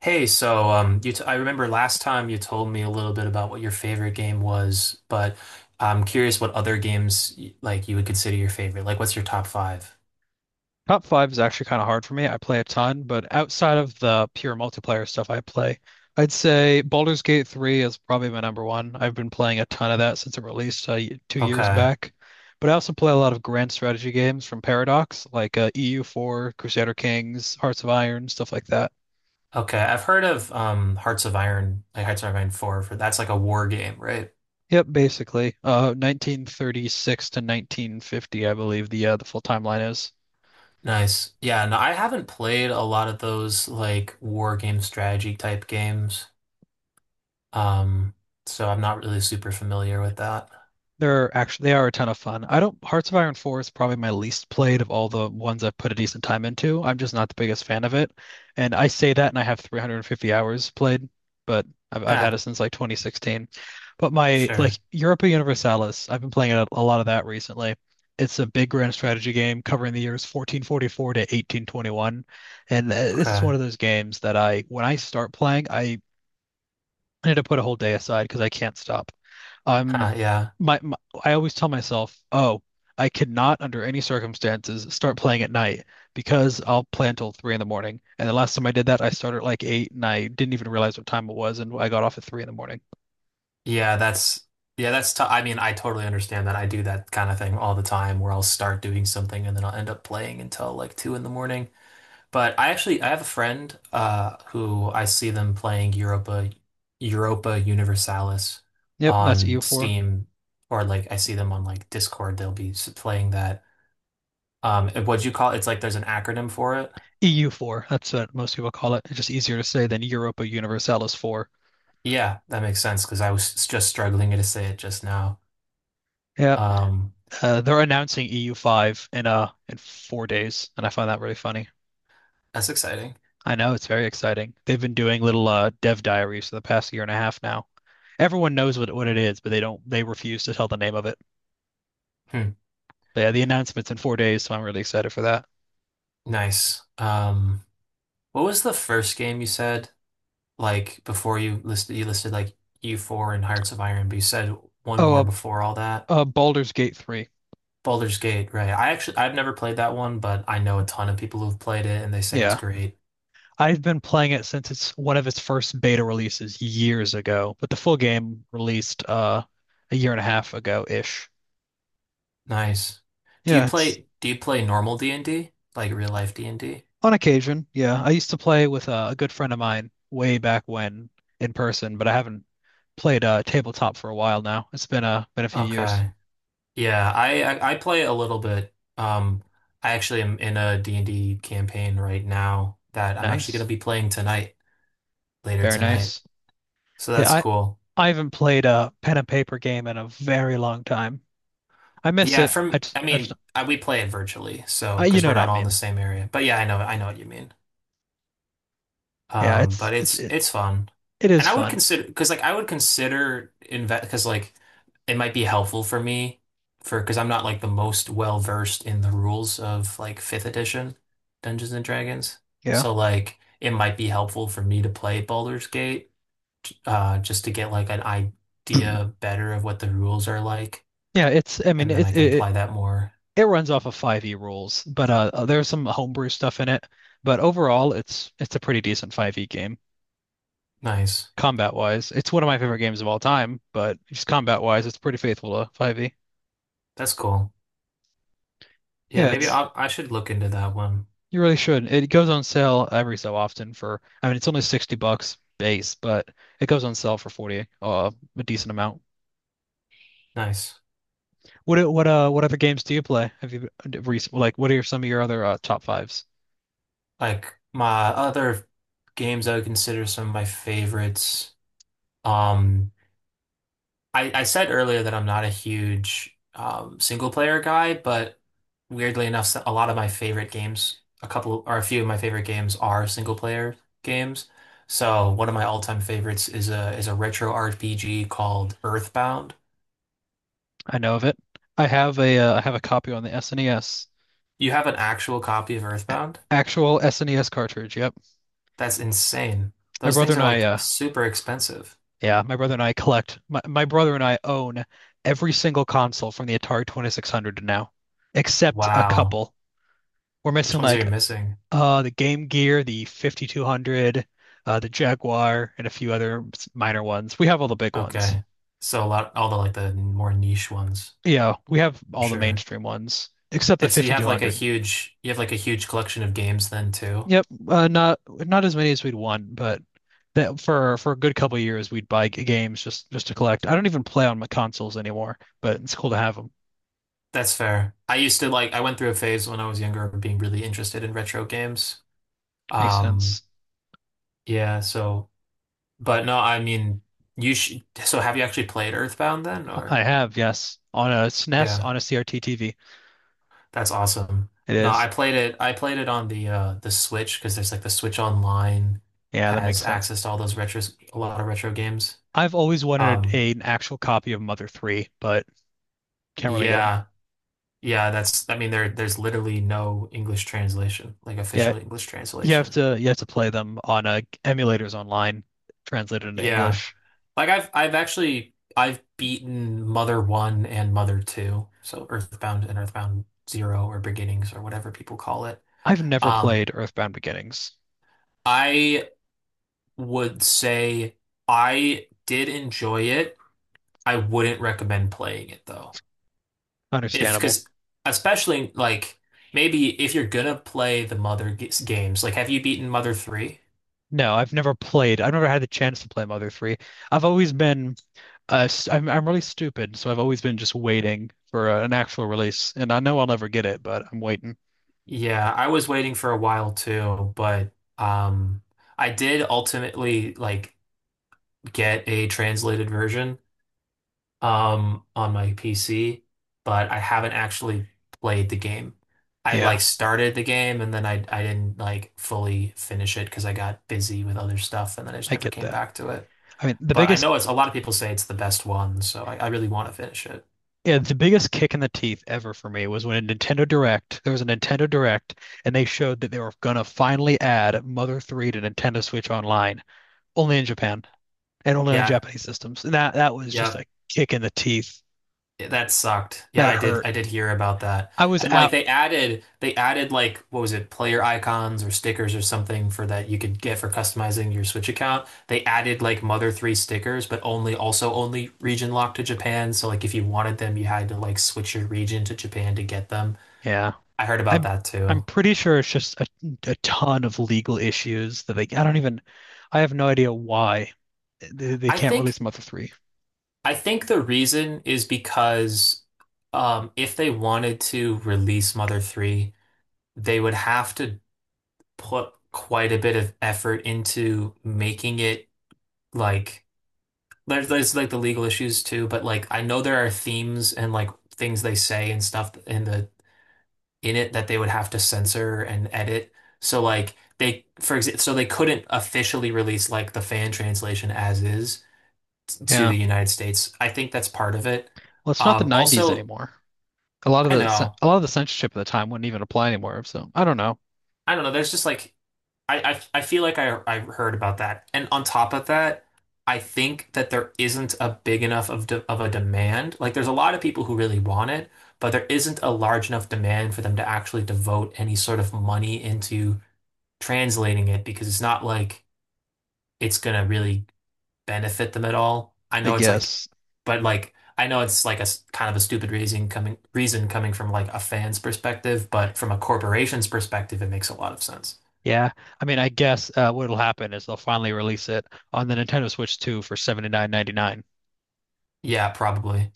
Hey, so you t I remember last time you told me a little bit about what your favorite game was, but I'm curious what other games like you would consider your favorite. Like, what's your top five? Top five is actually kind of hard for me. I play a ton, but outside of the pure multiplayer stuff I play, I'd say Baldur's Gate 3 is probably my number one. I've been playing a ton of that since it released 2 years Okay, back. But I also play a lot of grand strategy games from Paradox, like EU4, Crusader Kings, Hearts of Iron, stuff like that. okay. I've heard of Hearts of Iron, like Hearts of Iron 4, for that's like a war game, right? Yep, basically. 1936 to 1950, I believe the full timeline is. Nice. Yeah, no, I haven't played a lot of those like war game strategy type games, um, so I'm not really super familiar with that. They are a ton of fun. I don't Hearts of Iron 4 is probably my least played of all the ones I've put a decent time into. I'm just not the biggest fan of it. And I say that and I have 350 hours played, but I've had it Ha, since like 2016. But my like sure. Europa Universalis, I've been playing a lot of that recently. It's a big grand strategy game covering the years 1444 to 1821. And this is one Okay. of those games that I when I start playing, I need to put a whole day aside because I can't stop. I'm Huh, yeah. my, my I always tell myself, oh, I cannot under any circumstances start playing at night because I'll play until 3 in the morning. And the last time I did that, I started at like 8 and I didn't even realize what time it was and I got off at 3 in the morning. Yeah, that's yeah, that's t I mean, I totally understand that. I do that kind of thing all the time where I'll start doing something and then I'll end up playing until like two in the morning. But I actually I have a friend who I see them playing Europa Universalis Yep, that's on EU4. Steam, or like I see them on like Discord they'll be playing that. Um, and what'd you call it? It's like there's an acronym for it. EU4. That's what most people call it. It's just easier to say than Europa Universalis 4. Yeah, that makes sense because I was just struggling to say it just now. Yep. Um, They're announcing EU5 in 4 days, and I find that really funny. that's exciting. I know it's very exciting. They've been doing little dev diaries for the past year and a half now. Everyone knows what it is, but they don't they refuse to tell the name of it. Hmm, But yeah, the announcement's in 4 days, so I'm really excited for that. nice. Um, what was the first game you said? Like before you listed like U4 and Hearts of Iron, but you said one more Oh, before all that. Baldur's Gate 3. Baldur's Gate, right? I've never played that one, but I know a ton of people who've played it and they say it's Yeah. great. I've been playing it since it's one of its first beta releases years ago, but the full game released a year and a half ago ish. Nice. Do you Yeah, it's play do you play normal D&D? Like real life D&D? on occasion. Yeah, I used to play with a good friend of mine way back when in person, but I haven't played tabletop for a while now. It's been a few years. Okay. Yeah, I play a little bit. Um, I actually am in a D and d campaign right now that I'm actually going to Nice. be playing tonight, later Very tonight. nice. So Yeah, that's I cool. I haven't played a pen and paper game in a very long time. I miss Yeah, it. From I mean, I, we play it virtually, so You because know we're what I not all in the mean. same area. But yeah, I know what you mean. Yeah, it's But it's it's it, it's fun, it is and I would fun. consider, because like I would consider invest, because like it might be helpful for me, for because I'm not like the most well versed in the rules of like fifth edition Dungeons and Dragons. Yeah. So like it might be helpful for me to play Baldur's Gate, just to get like an idea better of what the rules are like, Yeah, it's I mean and then I it could it apply that more. it runs off of 5e rules, but there's some homebrew stuff in it, but overall it's a pretty decent 5e game Nice. combat wise. It's one of my favorite games of all time, but just combat wise it's pretty faithful to 5e. That's cool. Yeah. Yeah, Yeah. maybe it's I should look into that one. you really should. It goes on sale every so often for I mean it's only 60 bucks base, but it goes on sale for 40 a decent amount. Nice. What other games do you play? Have you recent like some of your other top fives? Like my other games I would consider some of my favorites. Um, I said earlier that I'm not a huge single player guy, but weirdly enough, a lot of my favorite games, a couple or a few of my favorite games are single player games. So one of my all-time favorites is a retro RPG called Earthbound. I know of it. I have a copy on the SNES. You have an actual copy of Earthbound? Actual SNES cartridge. Yep. That's insane. My Those brother things and are I like uh super expensive. yeah, my brother and I own every single console from the Atari 2600 to now, except a Wow. couple. We're Which missing ones are you like missing? The Game Gear, the 5200, the Jaguar, and a few other minor ones. We have all the big ones. Okay. So a lot, all the like the more niche ones, Yeah, we have for all the sure. mainstream ones except the And so you have like a 5200. huge, you have like a huge collection of games then too. Yep, not as many as we'd want, but that for a good couple of years we'd buy games just to collect. I don't even play on my consoles anymore, but it's cool to have them. That's fair. I used to like, I went through a phase when I was younger of being really interested in retro games. Makes Um, sense. yeah, so, but no, I mean, you should, so have you actually played Earthbound then or? I have, yes, on a SNES Yeah. on a CRT TV. That's awesome. It No, is. I played it. I played it on the Switch because there's like the Switch Online Yeah, that makes has sense. access to all those retros, a lot of retro games. I've always wanted Um, an actual copy of Mother 3, but can't really get them. yeah, yeah. That's, I mean, there there's literally no English translation, like Yeah, official English you have translation. to you have to play them on emulators online, translated into Yeah, English. like I've beaten Mother One and Mother Two, so Earthbound and Earthbound Zero or Beginnings or whatever people call it. I've never Um, played Earthbound Beginnings. I would say I did enjoy it. I wouldn't recommend playing it though. If, Understandable. because especially like maybe if you're gonna play the Mother games, like have you beaten Mother 3? No, I've never played. I've never had the chance to play Mother 3. I've always been I'm really stupid, so I've always been just waiting for an actual release and I know I'll never get it, but I'm waiting. Yeah, I was waiting for a while too, but um I did ultimately like get a translated version on my PC, but I haven't actually played the game. I Yeah, like started the game and then I didn't like fully finish it because I got busy with other stuff and then I just I never get came that. back to it. I mean, the But I biggest know it's, a lot of people say it's the best one, so I really want to finish it. yeah, the biggest kick in the teeth ever for me was when there was a Nintendo Direct and they showed that they were gonna finally add Mother 3 to Nintendo Switch Online, only in Japan and only on Yeah, Japanese systems. And that was just a yep. kick in the teeth. Yeah, that sucked. Yeah, That I did hurt. I did hear about that. I was And like out. they added like what was it, player icons or stickers or something for that you could get for customizing your Switch account. They added like Mother 3 stickers, but only, also only region locked to Japan. So like if you wanted them, you had to like switch your region to Japan to get them. Yeah. I heard about I'm that I'm too. pretty sure it's just a ton of legal issues that they I don't even I have no idea why they I can't release think Mother 3. I think the reason is because if they wanted to release Mother 3, they would have to put quite a bit of effort into making it, like there's like the legal issues too, but like I know there are themes and like things they say and stuff in the in it that they would have to censor and edit. So like they, for example, so they couldn't officially release like the fan translation as is to Yeah. the United States. I think that's part of it. Well, it's not the 90s Also, anymore. A lot of I the cen- know. a lot of the censorship at the time wouldn't even apply anymore, so I don't know. I don't know. There's just like I feel like I heard about that. And on top of that, I think that there isn't a big enough of de of a demand. Like there's a lot of people who really want it, but there isn't a large enough demand for them to actually devote any sort of money into translating it because it's not like it's gonna really benefit them at all. I I know it's like, guess. but like I know it's like a kind of a stupid reason coming from like a fan's perspective, but from a corporation's perspective, it makes a lot of sense. Yeah. I mean, I guess what'll happen is they'll finally release it on the Nintendo Switch 2 for 79.99. Yeah, probably.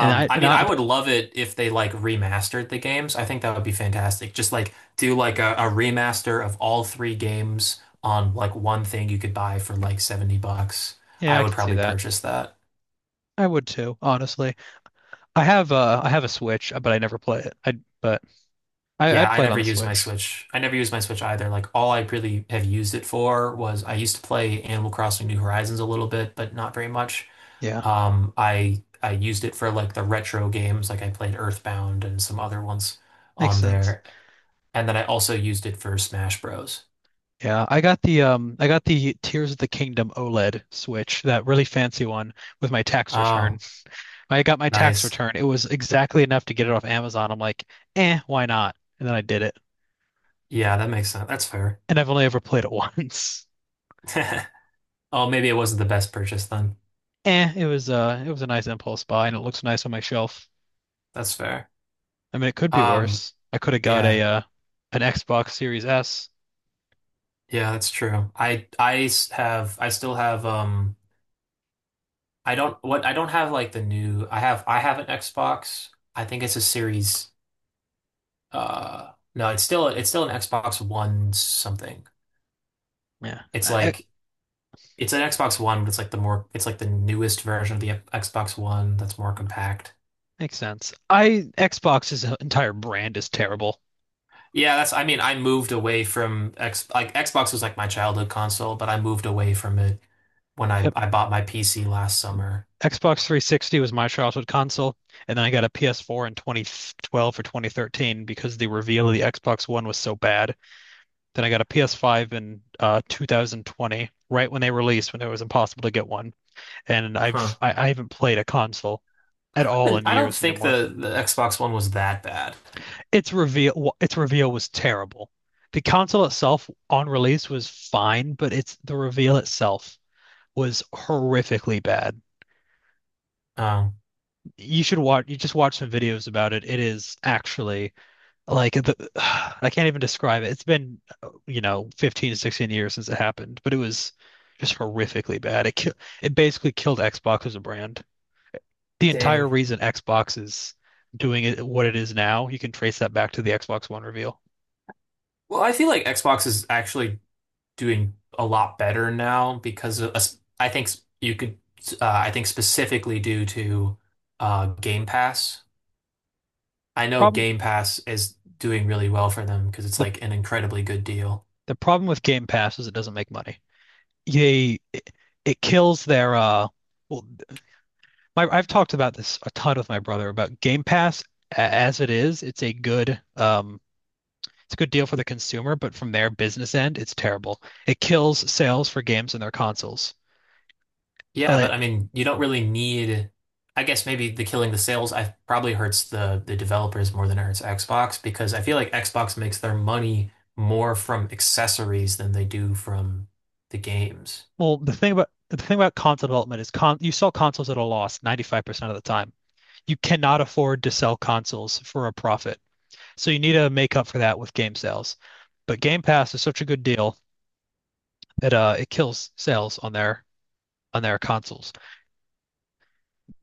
I and mean, I I would love it if they like remastered the games. I think that would be fantastic. Just like do like a remaster of all three games on like one thing you could buy for like $70. yeah, I I would could see probably that. purchase that. I would too, honestly. I have a Switch, but I never play it. I but I Yeah, I'd I play it on never the use my Switch. Switch. I never use my Switch either. Like all I really have used it for was I used to play Animal Crossing New Horizons a little bit, but not very much. Yeah, I used it for like the retro games, like I played Earthbound and some other ones makes on sense. there. And then I also used it for Smash Bros. Yeah, I got the Tears of the Kingdom OLED Switch, that really fancy one with my tax return. Oh, When I got my tax nice. return. It was exactly enough to get it off Amazon. I'm like, "Eh, why not?" And then I did it. Yeah, that makes sense. That's fair. And I've only ever played it once. Oh, maybe it wasn't the best purchase then. Eh, it was a nice impulse buy and it looks nice on my shelf. That's fair. I mean, it could be Um, worse. I could have got a yeah. An Xbox Series S. Yeah, that's true. I still have I don't what I don't have like the new I have an Xbox. I think it's a series uh, no, it's still an Xbox One something. Yeah, It's like it's an Xbox One, but it's like the more it's like the newest version of the Xbox One that's more compact. makes sense. I Xbox's entire brand is terrible. Yeah, that's, I mean, I moved away from X, like Xbox was like my childhood console, but I moved away from it when I bought my PC last summer. Xbox 360 was my childhood console, and then I got a PS4 in 2012 or 2013 because the reveal of the Xbox One was so bad. Then I got a PS5 in 2020, right when they released, when it was impossible to get one. And I've Huh. I, I haven't played a console at all And in I don't years think anymore. The Xbox One was that bad. Its reveal was terrible. The console itself on release was fine, but it's the reveal itself was horrifically bad. Um, You just watch some videos about it. It is actually. I can't even describe it. It's been, 15 to 16 years since it happened, but it was just horrifically bad. It basically killed Xbox as a brand. The entire dang. reason Xbox is doing it what it is now, you can trace that back to the Xbox One reveal. Well, I feel like Xbox is actually doing a lot better now because of, I think you could, I think specifically due to Game Pass. I know Problem Game Pass is doing really well for them because it's the like an incredibly good deal. the problem with Game Pass is it doesn't make money. They it, it kills their well my, I've talked about this a ton with my brother about Game Pass as it is, it's a good deal for the consumer, but from their business end, it's terrible. It kills sales for games and their consoles. Yeah, but Like, I mean, you don't really need. I guess maybe the killing the sales I probably hurts the developers more than it hurts Xbox because I feel like Xbox makes their money more from accessories than they do from the games. well, the thing about console development is con you sell consoles at a loss 95% of the time. You cannot afford to sell consoles for a profit. So you need to make up for that with game sales. But Game Pass is such a good deal that it kills sales on their consoles.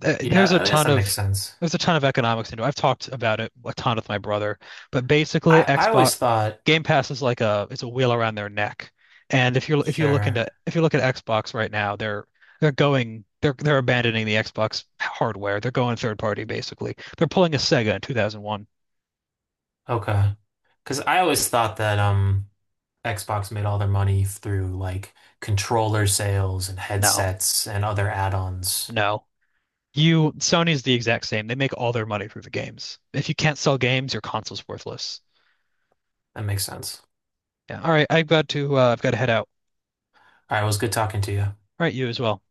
th- there's a Yeah, I guess ton that makes of sense. there's a ton of economics into it. I've talked about it a ton with my brother, but basically I Xbox always thought, Game Pass is like a it's a wheel around their neck. And if you look sure, into if you look at Xbox right now, they're abandoning the Xbox hardware. They're going third party basically. They're pulling a Sega in 2001. okay, because I always thought that um, Xbox made all their money through like controller sales and No, headsets and other add-ons. no. You Sony's the exact same. They make all their money through the games. If you can't sell games, your console's worthless. That makes sense. Yeah. All right, I've got to head out. All right, it was good talking to you. All right, you as well.